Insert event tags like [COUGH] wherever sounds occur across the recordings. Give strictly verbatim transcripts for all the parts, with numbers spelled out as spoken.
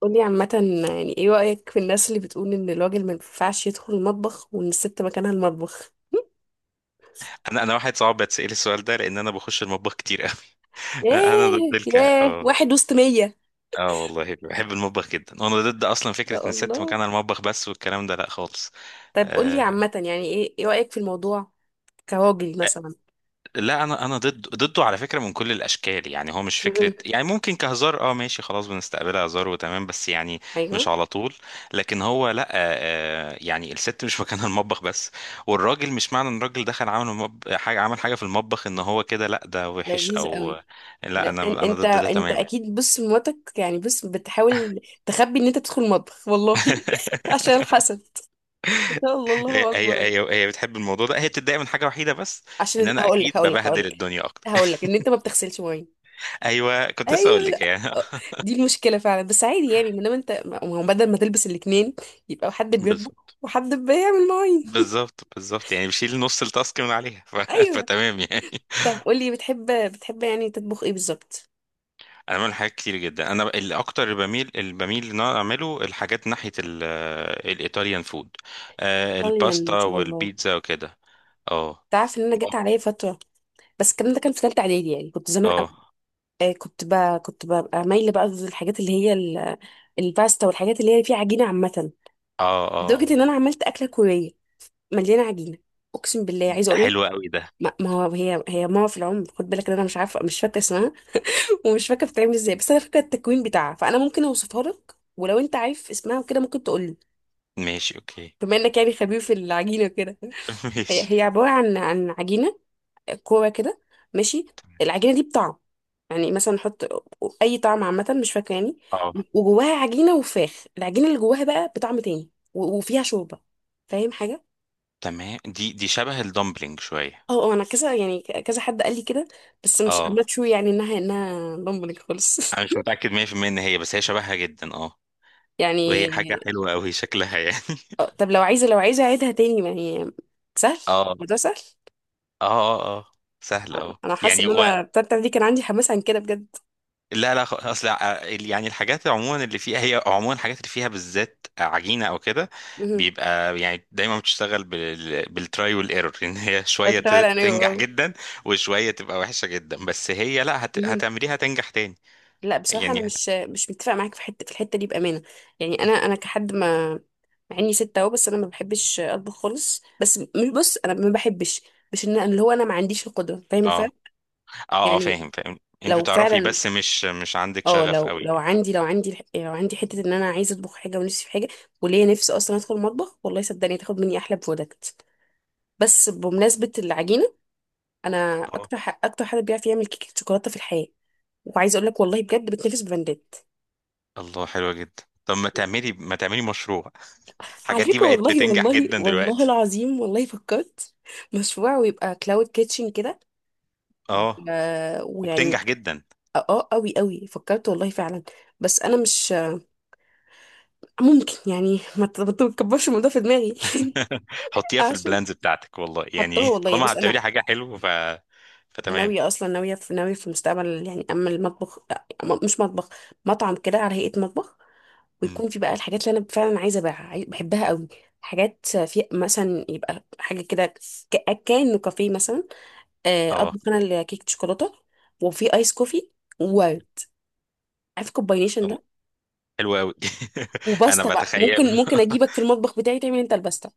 قولي عامة، يعني ايه رأيك في الناس اللي بتقول ان الراجل ما ينفعش يدخل المطبخ وان الست مكانها المطبخ؟ انا انا واحد صعب بتسأل السؤال ده لان انا بخش المطبخ كتير قوي. [LAUGHS] انا ضد ياه، الك ياه، اه. واحد وسط مية، ان اه والله بحب المطبخ جدا، وانا ضد اصلا فكره شاء ان الست الله. مكانها المطبخ بس، والكلام ده لا خالص. طيب قولي آه. عامة، يعني ايه ايه رأيك في الموضوع كراجل مثلا؟ لا انا انا ضد ضده على فكره من كل الاشكال، يعني هو مش فكره، مهم. يعني ممكن كهزار، اه ماشي خلاص بنستقبلها هزار وتمام، بس يعني ايوه. مش على طول. لكن هو لا، آه آه، يعني الست مش [LAUGHS] مكانها المطبخ بس، والراجل مش معنى ان الراجل دخل عمل مب... حاجه، عمل حاجه في المطبخ، ان هو كده لا، ده وحش لذيذ او... قوي. لا لا، إن- انا انا انت ضد ده انت تماما. اكيد، بص مراتك يعني، بص بتحاول تخبي ان انت تدخل المطبخ والله. [LAUGHS] عشان الحسد، ان شاء الله، هي الله هي اكبر. هي هي بتحب الموضوع ده، هي بتتضايق من حاجه وحيده بس، ان عشان انا هقول اكيد لك هقول لك هقول ببهدل لك الدنيا اكتر. هقول لك [LAUGHS] ان انت ما بتغسلش مواعين. ايوه، كنت لسه اقول ايوه، لك يعني. [LAUGHS] دي المشكله فعلا، بس عادي يعني، ما دام انت، ما هو بدل ما تلبس الاتنين يبقى حد بيطبخ بالظبط، وحد بيعمل مواعين. بالظبط، بالظبط، يعني بشيل نص التاسك من عليها ف... [LAUGHS] ايوه. فتمام يعني. طب قولي، بتحب بتحب يعني تطبخ ايه بالظبط؟ انا بعمل حاجات كتير جدا، انا ال- اكتر اللي بميل اللي بميل ان انا اعمله الحاجات ناحيه ال... الايطاليان فود. آه، ايطاليا، الباستا ان شاء الله. والبيتزا وكده. اه تعرف ان انا جت عليا فتره، بس الكلام ده كان في ثالثه اعدادي، يعني كنت زمان قوي. اه آه، كنت بقى، كنت ببقى مايله بقى للحاجات اللي هي ال- الباستا والحاجات اللي هي فيها عجينه عامه. اه اه، لدرجه ان انا عملت اكله كوريه مليانه عجينه، اقسم بالله. عايزه ده اقول لك، حلو قوي ده. ما ما هو، هي هي ماما في العمر، خد بالك ان انا مش عارفه، مش فاكره اسمها ومش فاكره بتتعمل ازاي، بس انا فاكره التكوين بتاعها، فانا ممكن اوصفها لك، ولو انت عارف اسمها وكده ممكن تقول لي، ماشي، اوكي. بما انك يعني خبير في العجينه كده. [LAUGHS] ماشي. هي هي عباره عن عن عجينه، كوره كده، ماشي. العجينه دي بطعم، يعني مثلا نحط اي طعم عامه، مش فاكره يعني. اه وجواها عجينه، وفراخ العجينه اللي جواها بقى بطعم تاني، و- وفيها شوربه. فاهم حاجه؟ تمام، دي دي شبه الدمبلينج شوية. اه اه، انا كذا يعني، كذا حد قال لي كده، بس مش I'm اه، not sure يعني انها، انها ضمنك خالص. [LAUGHS] انا مش متأكد مية في المية ان هي، بس هي شبهها جدا اه. وهي حاجة يعني حلوة قوي شكلها يعني. آه، [LAUGHS] طب لو عايزة، لو عايزة أعيدها تاني، ما هي سهل، اه اه الموضوع سهل. اه اه، سهل اه أنا حاسة يعني إن و... أنا التالتة دي كان عندي حماس عن كده بجد. لا لا، خ- اصل ع- يعني الحاجات عموما اللي فيها، هي عموما الحاجات اللي فيها بالذات عجينه او كده، مهم. بيبقى يعني دايما بتشتغل بال... بالتراي والايرور، ان هي بس شويه ت... ولا أنا تنجح اه. جدا، وشويه تبقى وحشه جدا، بس هي لا هت... مهم. هتعمليها تنجح تاني لا بصراحة أنا يعني. مش مش متفق معاك في حتة في الحتة دي بأمانة. يعني أنا، أنا كحد ما، مع إني ست أهو، بس أنا ما بحبش أطبخ خالص. بس مش، بص، أنا ما بحبش، مش إن اللي هو أنا ما عنديش القدرة، فاهم اه الفرق؟ اه اه، فاهم يعني فاهم انت لو بتعرفي، فعلا، بس مش مش عندك اه شغف لو، قوي. لو عندي لو عندي الح- لو عندي حته ان انا عايزه اطبخ حاجه، ونفسي في حاجه، وليا نفسي اصلا ادخل المطبخ، والله صدقني تاخد مني احلى برودكت. بس بمناسبه العجينه، انا اه، اكتر ح- اكتر حد بيعرف يعمل كيكه شوكولاته في الحياه، وعايزه اقول لك والله بجد بتنافس براندات. الله حلوة جدا، طب ما تعملي ما تعملي مشروع، على الحاجات دي فكره، بقت والله بتنجح والله جدا والله دلوقتي. العظيم، والله فكرت مشروع، ويبقى كلاود كيتشن كده. اه، آه، ويعني، وبتنجح جدا. اه قوي قوي فكرت والله فعلا. بس انا مش ممكن يعني، ما ت- ما تكبرش الموضوع في دماغي. [LAUGHS] [LAUGHS] حطيها في عشان البلانز بتاعتك والله، حطاه، يعني والله، طالما بص انا هتعملي حاجة حلوة ف فتمام. ناويه اصلا، ناويه في، ناويه في المستقبل يعني، اما المطبخ آه، م- مش مطبخ، مطعم كده على هيئه مطبخ، مم. ويكون في بقى الحاجات اللي انا فعلا عايزه ابيعها، عاي- بحبها قوي. حاجات في مثلا، يبقى حاجه كده، ك- كانه كافيه مثلا. آه، اه، اطبخ انا الكيك شوكولاته، وفي ايس كوفي، واو، عارف الكومباينيشن الله، ده؟ حلو قوي. [LAUGHS] انا وباستا بقى، ممكن بتخيله. ممكن [LAUGHS] اجيبك في المطبخ بتاعي تعمل انت الباستا.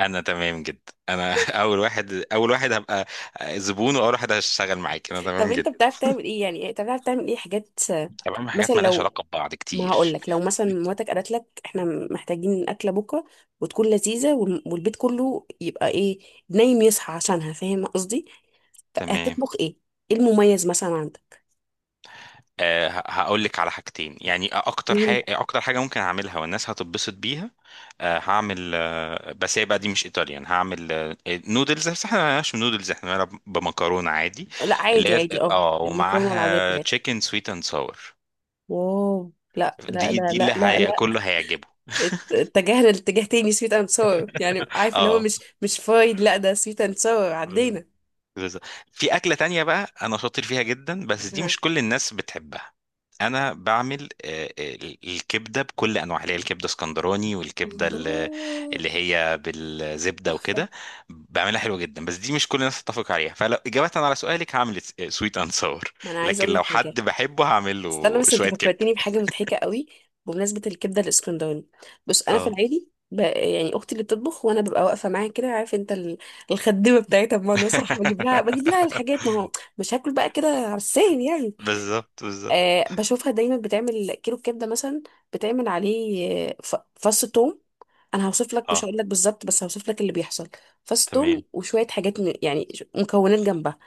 انا تمام جدا، انا اول واحد اول واحد هبقى زبون، واول واحد هشتغل معاك، انا [LAUGHS] طب تمام انت جدا. بتعرف تعمل ايه يعني، بتعرف تعمل ايه حاجات آه؟ طب اعمل مثلا حاجات مالهاش لو، علاقة ببعض ما هقول كتير. لك، لو مثلا مراتك قالت لك احنا محتاجين اكله بكره وتكون لذيذه، وال- والبيت كله يبقى ايه، نايم يصحى عشانها، فاهم قصدي؟ تمام. هتطبخ ايه؟ ايه المميز مثلا عندك؟ هقول لك على حاجتين، يعني اكتر مم. حاجه اكتر حاجه ممكن اعملها والناس هتتبسط بيها. آه، هعمل، آه، بس هي بقى دي مش ايطاليان، هعمل آه، نودلز، بس احنا ما بنعملش نودلز، احنا بنعملها بمكرونه عادي، لا اللي عادي، هي عادي، اه اه، المكرونه العاديه ومعاها بتاعتك. تشيكن سويت اند ساور. واو، لا لا دي لا دي لا اللي لا هي لا كله هيعجبه. ات- اتجهنا لاتجاه تاني. سويت اند ساور يعني، عارف اللي هو، اه مش مش فرايد، لا ده سويت اند ساور، عدينا. بالظبط. في أكلة تانية بقى أنا شاطر فيها جدا، بس دي ها. مش كل الناس بتحبها. أنا بعمل آه، آه، الكبدة بكل أنواعها، اللي هي الكبدة اسكندراني، والكبدة اللي الله. اللي هي بالزبدة تحفة. وكده. بعملها حلوة جدا، بس دي مش كل الناس تتفق عليها، فلو إجابة على سؤالك هعمل سويت أند ساور. ما انا عايزه لكن اقول لك لو حاجه، حد بحبه هعمل استنى له بس، انت شوية كبدة. فكرتني بحاجه مضحكه قوي. بمناسبه الكبده الاسكندراني، بص، انا في اه. العادي ب... يعني اختي اللي بتطبخ، وانا ببقى واقفه معاها كده، عارف انت ال... الخدمه بتاعتها، بمعنى صح بجيب لها، بجيب لها الحاجات، ما [LAUGHS] هو مش هاكل بقى كده على السهل يعني. بالظبط، بالظبط. آه، بشوفها دايما بتعمل كيلو كبده مثلا، بتعمل عليه آه، ف... فص توم، انا هوصف لك، مش اه هقول لك بالظبط، بس هوصف لك اللي بيحصل. فص توم، تمام. وشويه حاجات م... يعني ش- مكونات جنبها.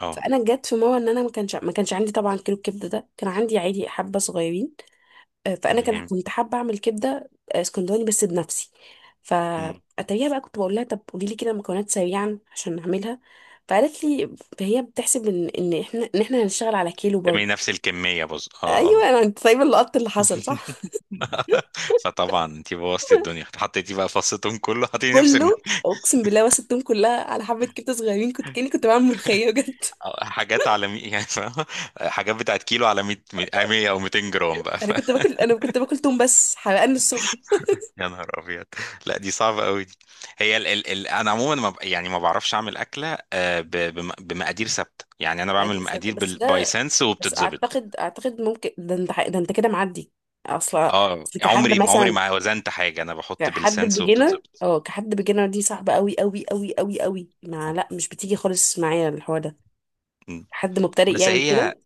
اه فانا جت في مره ان انا ما كانش ما كانش عندي طبعا كيلو الكبده ده، كان عندي عادي حبه صغيرين. آه، فانا كان تمام. كنت حابه اعمل كبده آه، اسكندراني بس بنفسي. مم. فاتريها بقى كنت بقول لها، طب قولي لي كده مكونات سريعا عشان نعملها. فقالت لي، فهي بتحسب ان، ان احنا ان احنا هنشتغل على كيلو تمام، برضه. نفس الكمية، بص اه ايوه اه. انا، انت سايبه اللقط اللي حصل صح. [LAUGHS] فطبعا انت بوظتي الدنيا، حطيتي بقى فصتهم كله، حطيتي نفس الم... كله اقسم بالله، وسبتهم كلها على حبه كبده صغيرين، كنت كاني كنت بعمل ملوخيه بجد. حاجات على مي... يعني فاهمة؟ حاجات بتاعت كيلو على مئة مية او متين جرام بقى. انا كنت [LAUGHS] باكل، انا كنت باكل توم بس، حرقان الصبح. يا نهار ابيض، لا دي صعبه قوي دي. هي ال... ال... ال... انا عموما ما... ب- يعني ما بعرفش اعمل اكله، آه، ب... بم... بمقادير ثابته، يعني انا بعمل عادي سنة. مقادير بس بال... باي ده، سنس بس وبتتظبط. اعتقد، اعتقد ممكن ده، انت ده، انت كده معدي اصلا. اه، أصل كحد عمري عمري مثلا، ما وزنت حاجه، انا بحط كحد بالسنس بيجينر، وبتتظبط. اه كحد بيجينر دي صعبة قوي قوي قوي قوي قوي، ما، آه. لا مش بتيجي خالص معايا الحوار ده، م. حد مبتدئ بس يعني هي، كده.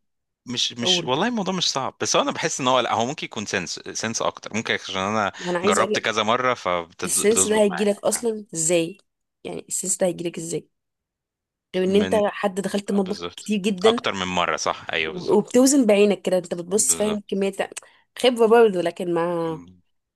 مش مش اقول والله الموضوع مش صعب، بس هو انا بحس ان هو لا، هو ممكن يكون سنس سنس اكتر ممكن، عشان انا ما انا عايزه اقول جربت لك، كذا مره السنس ده فبتظبط معايا. هيجيلك اصلا ازاي؟ يعني السنس ده هيجيلك ازاي، غير ان انت من حد دخلت اه المطبخ بالظبط، كتير جدا، اكتر من مره، صح، ايوه بالظبط، وبتوزن بعينك كده، انت بتبص فاهم بالظبط. كمية، خبرة برضه. لكن ما،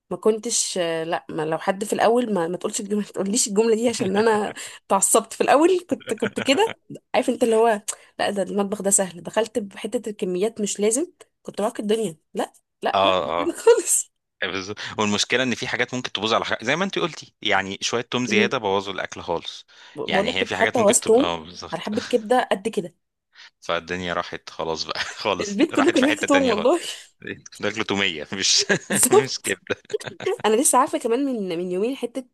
ما كنتش آه، لا ما، لو حد في الاول، ما ما تقولش الجمله، ما تقوليش الجمله دي، عشان انا اتعصبت في الاول، كنت كنت كده، [LAUGHS] عارف انت اللي هو، لا ده المطبخ ده سهل دخلت بحته، الكميات مش لازم، كنت راكب الدنيا، لا، لا لا مش اه كده اه خالص. بالظبط، والمشكله ان في حاجات ممكن تبوظ على حاجة، زي ما انت قلتي يعني، شويه توم مم. زياده بوظوا الاكل خالص. بقول يعني لك هي كنت في حاجات حاطه ممكن وسط تبقى توم اه على بالظبط. حبه [LAUGHS] كبده قد كده، فالدنيا راحت خلاص بقى. [LAUGHS] خالص، البيت كله راحت كان في ريحه حته توم تانية خالص. والله. [LAUGHS] ده اكل توميه مش [LAUGHS] مش بالظبط. كبده. انا لسه عارفه كمان من من يومين حته،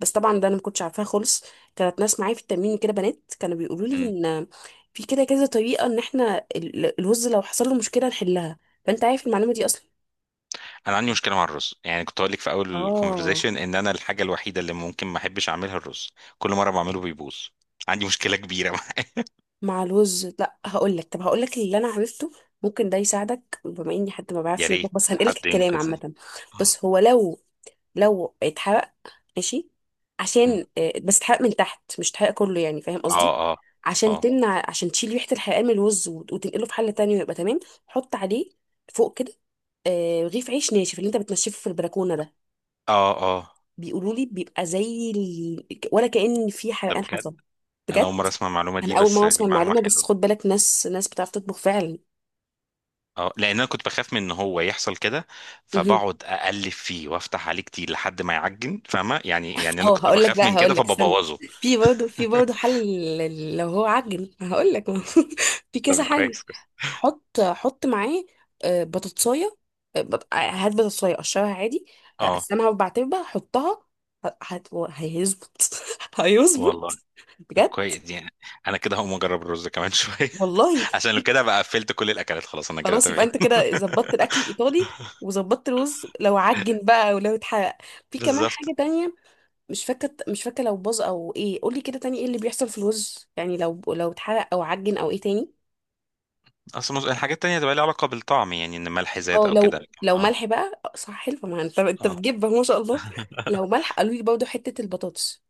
بس طبعا ده انا ما كنتش عارفاها خالص. كانت ناس معايا في التمرين كده، بنات كانوا بيقولوا لي إمم. ان في كده كذا طريقه ان احنا ال- الوز لو حصل له مشكله نحلها، فانت عارف المعلومه دي اصلا؟ انا عندي مشكله مع الرز، يعني كنت هقول لك في اول اه الكونفرزيشن ان انا الحاجه الوحيده اللي ممكن ما احبش اعملها الرز، كل مره بعمله بيبوظ. عندي مشكله كبيره معاه. مع الوز، لا هقول لك، طب هقول لك اللي انا عرفته، ممكن ده يساعدك، بما اني حد ما [LAUGHS] يا بعرفش يطبخ، ريت بس هنقلك حد الكلام ينقذني. عامه. بس هو لو، لو اتحرق، ماشي، م. عشان آه، بس اتحرق من تحت، مش اتحرق كله يعني، فاهم اه قصدي؟ اه عشان اه تمنع، عشان تشيل ريحة الحرقان من الرز، وت- وتنقله في حلة تانية ويبقى تمام. حط عليه فوق كده آه، رغيف عيش ناشف اللي انت بتنشفه في البلكونة ده، اه اه، بيقولوا لي بيبقى زي ال... ولا كأن في ده حرقان بجد؟ حصل. انا بجد؟ اول مره اسمع المعلومه دي، انا اول بس مرة دي اسمع معلومه المعلومة، بس حلوه. خد بالك ناس، ناس بتعرف تطبخ فعلا. اه، لان انا كنت بخاف من ان هو يحصل كده، فبقعد اقلب فيه وافتح عليه كتير لحد ما يعجن، فاهمه يعني، يعني انا اه كنت هقول لك بخاف بقى، من كده هقول لك، استنى، فببوظه. في برضه، في برضه [LAUGHS] حل. لل- لو هو عجن، هقول لك. [LAUGHS] في طب كذا حل. كويس كويس. حط حط معاه آه، بطاطسايه، آه، بط- آه، هات بطاطسايه قشرها عادي، [LAUGHS] آه، اه قسمها اربع تربة، حطها، ه- هت- هيظبط. [LAUGHS] هيظبط والله، طب بجد، كويس يعني، انا كده هقوم اجرب الرز كمان شويه. والله. [LAUGHS] عشان لو كده بقى قفلت كل الاكلات خلاص، انا كده خلاص، يبقى تمام. انت كده ظبطت الاكل [LAUGHS] الايطالي، وظبطت الرز لو عجن بقى ولو اتحرق. في كمان بالظبط، حاجه تانية، مش فاكره، مش فاكره لو باظ او ايه، قولي كده تاني ايه اللي بيحصل في الرز يعني، لو، لو اتحرق او عجن او ايه تاني. اصل مز- الحاجات التانية تبقى لها علاقه بالطعم، يعني ان ملح زاد اه او لو، كده، لكن لو اه. ملح بقى آه، صح، حلو، ما انت، انت اه. بتجيب ما شاء الله. [LAUGHS] لو ملح، قالوا لي برضه حته البطاطس،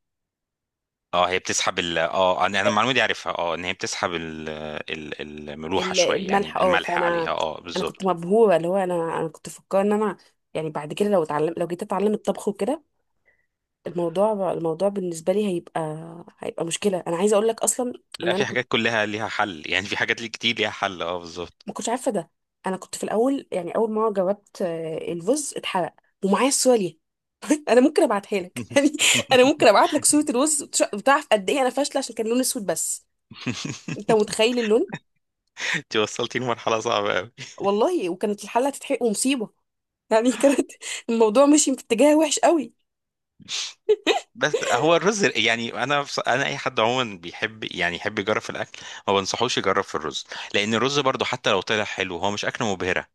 اه، هي بتسحب ال اه انا، أنا آه، المعلومه دي عارفها، اه ان هي بتسحب ال ال الملوحه ال- شويه يعني، الملح اه. الملح عليها فانا، اه انا كنت بالظبط. مبهوره، اللي هو انا، انا كنت فكرت ان انا يعني بعد كده لو اتعلم، لو جيت اتعلم الطبخ وكده، الموضوع، الموضوع بالنسبه لي هيبقى، هيبقى مشكله. انا عايزه اقول لك اصلا ان لا، انا في كنت حاجات كلها ليها حل، يعني في حاجات ليه كتير ليها حل، اه بالظبط. ما كنتش عارفه ده. انا كنت في الاول يعني، اول ما جاوبت آه، الرز اتحرق، ومعايا الصوره ليه. [LAUGHS] انا ممكن ابعتها لك. [LAUGHS] يعني انا ممكن [LAUGHS] ابعت لك صوره الرز، وتش- وتعرف قد ايه انا فاشله، عشان كان لون اسود بس، انت متخيل اللون، انت وصلتي لمرحله صعبه. والله. وكانت الحله هتتحرق ومصيبه يعني. [LAUGHS] كانت، الموضوع مشي في اتجاه وحش قوي. بس [LAUGHS] هو الرز، يعني انا بص- انا اي حد عموما بيحب يعني يحب يجرب في الاكل، ما بنصحوش يجرب في الرز، لان الرز برضو حتى لو طلع حلو هو مش اكله مبهره،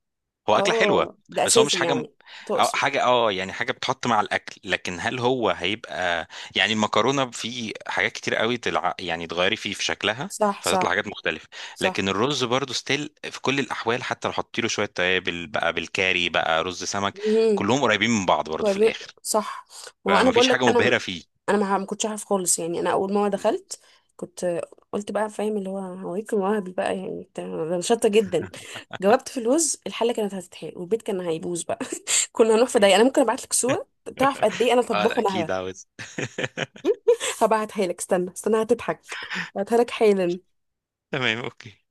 هو اكله حلوه، اه ده بس هو مش اساسي حاجه م- يعني. أو تقصد. حاجه اه، يعني حاجه بتحط مع الاكل، لكن هل هو هيبقى، يعني المكرونه في حاجات كتير قوي تلع... يعني تغيري فيه في شكلها صح فتطلع صح. حاجات مختلفه. لكن صح. الرز برضو ستيل في كل الاحوال، حتى لو حطيت له شويه توابل بقى، بالكاري بقى رز سمك، امم. كلهم قريبين من بعض برضو في الاخر، صح. ما هو انا فمفيش بقول لك، حاجه انا، مبهره فيه. انا ما ما كنتش عارف خالص يعني. انا اول ما دخلت كنت، قلت بقى، فاهم اللي هو، هوريك مواهبي بقى يعني، بتاع- انا شاطره جدا، جاوبت في الوز الحله كانت هتتحرق، والبيت كان هيبوظ بقى. [LAUGHS] كنا هنروح في ضيق. انا ممكن ابعت لك صوره، تعرف قد [LAUGHS] ايه انا اه طباخه اكيد مهبه. عاوز. [LAUGHS] هبعتها لك، استنى استنى هتضحك، هبعتها لك حالا. تمام، اوكي.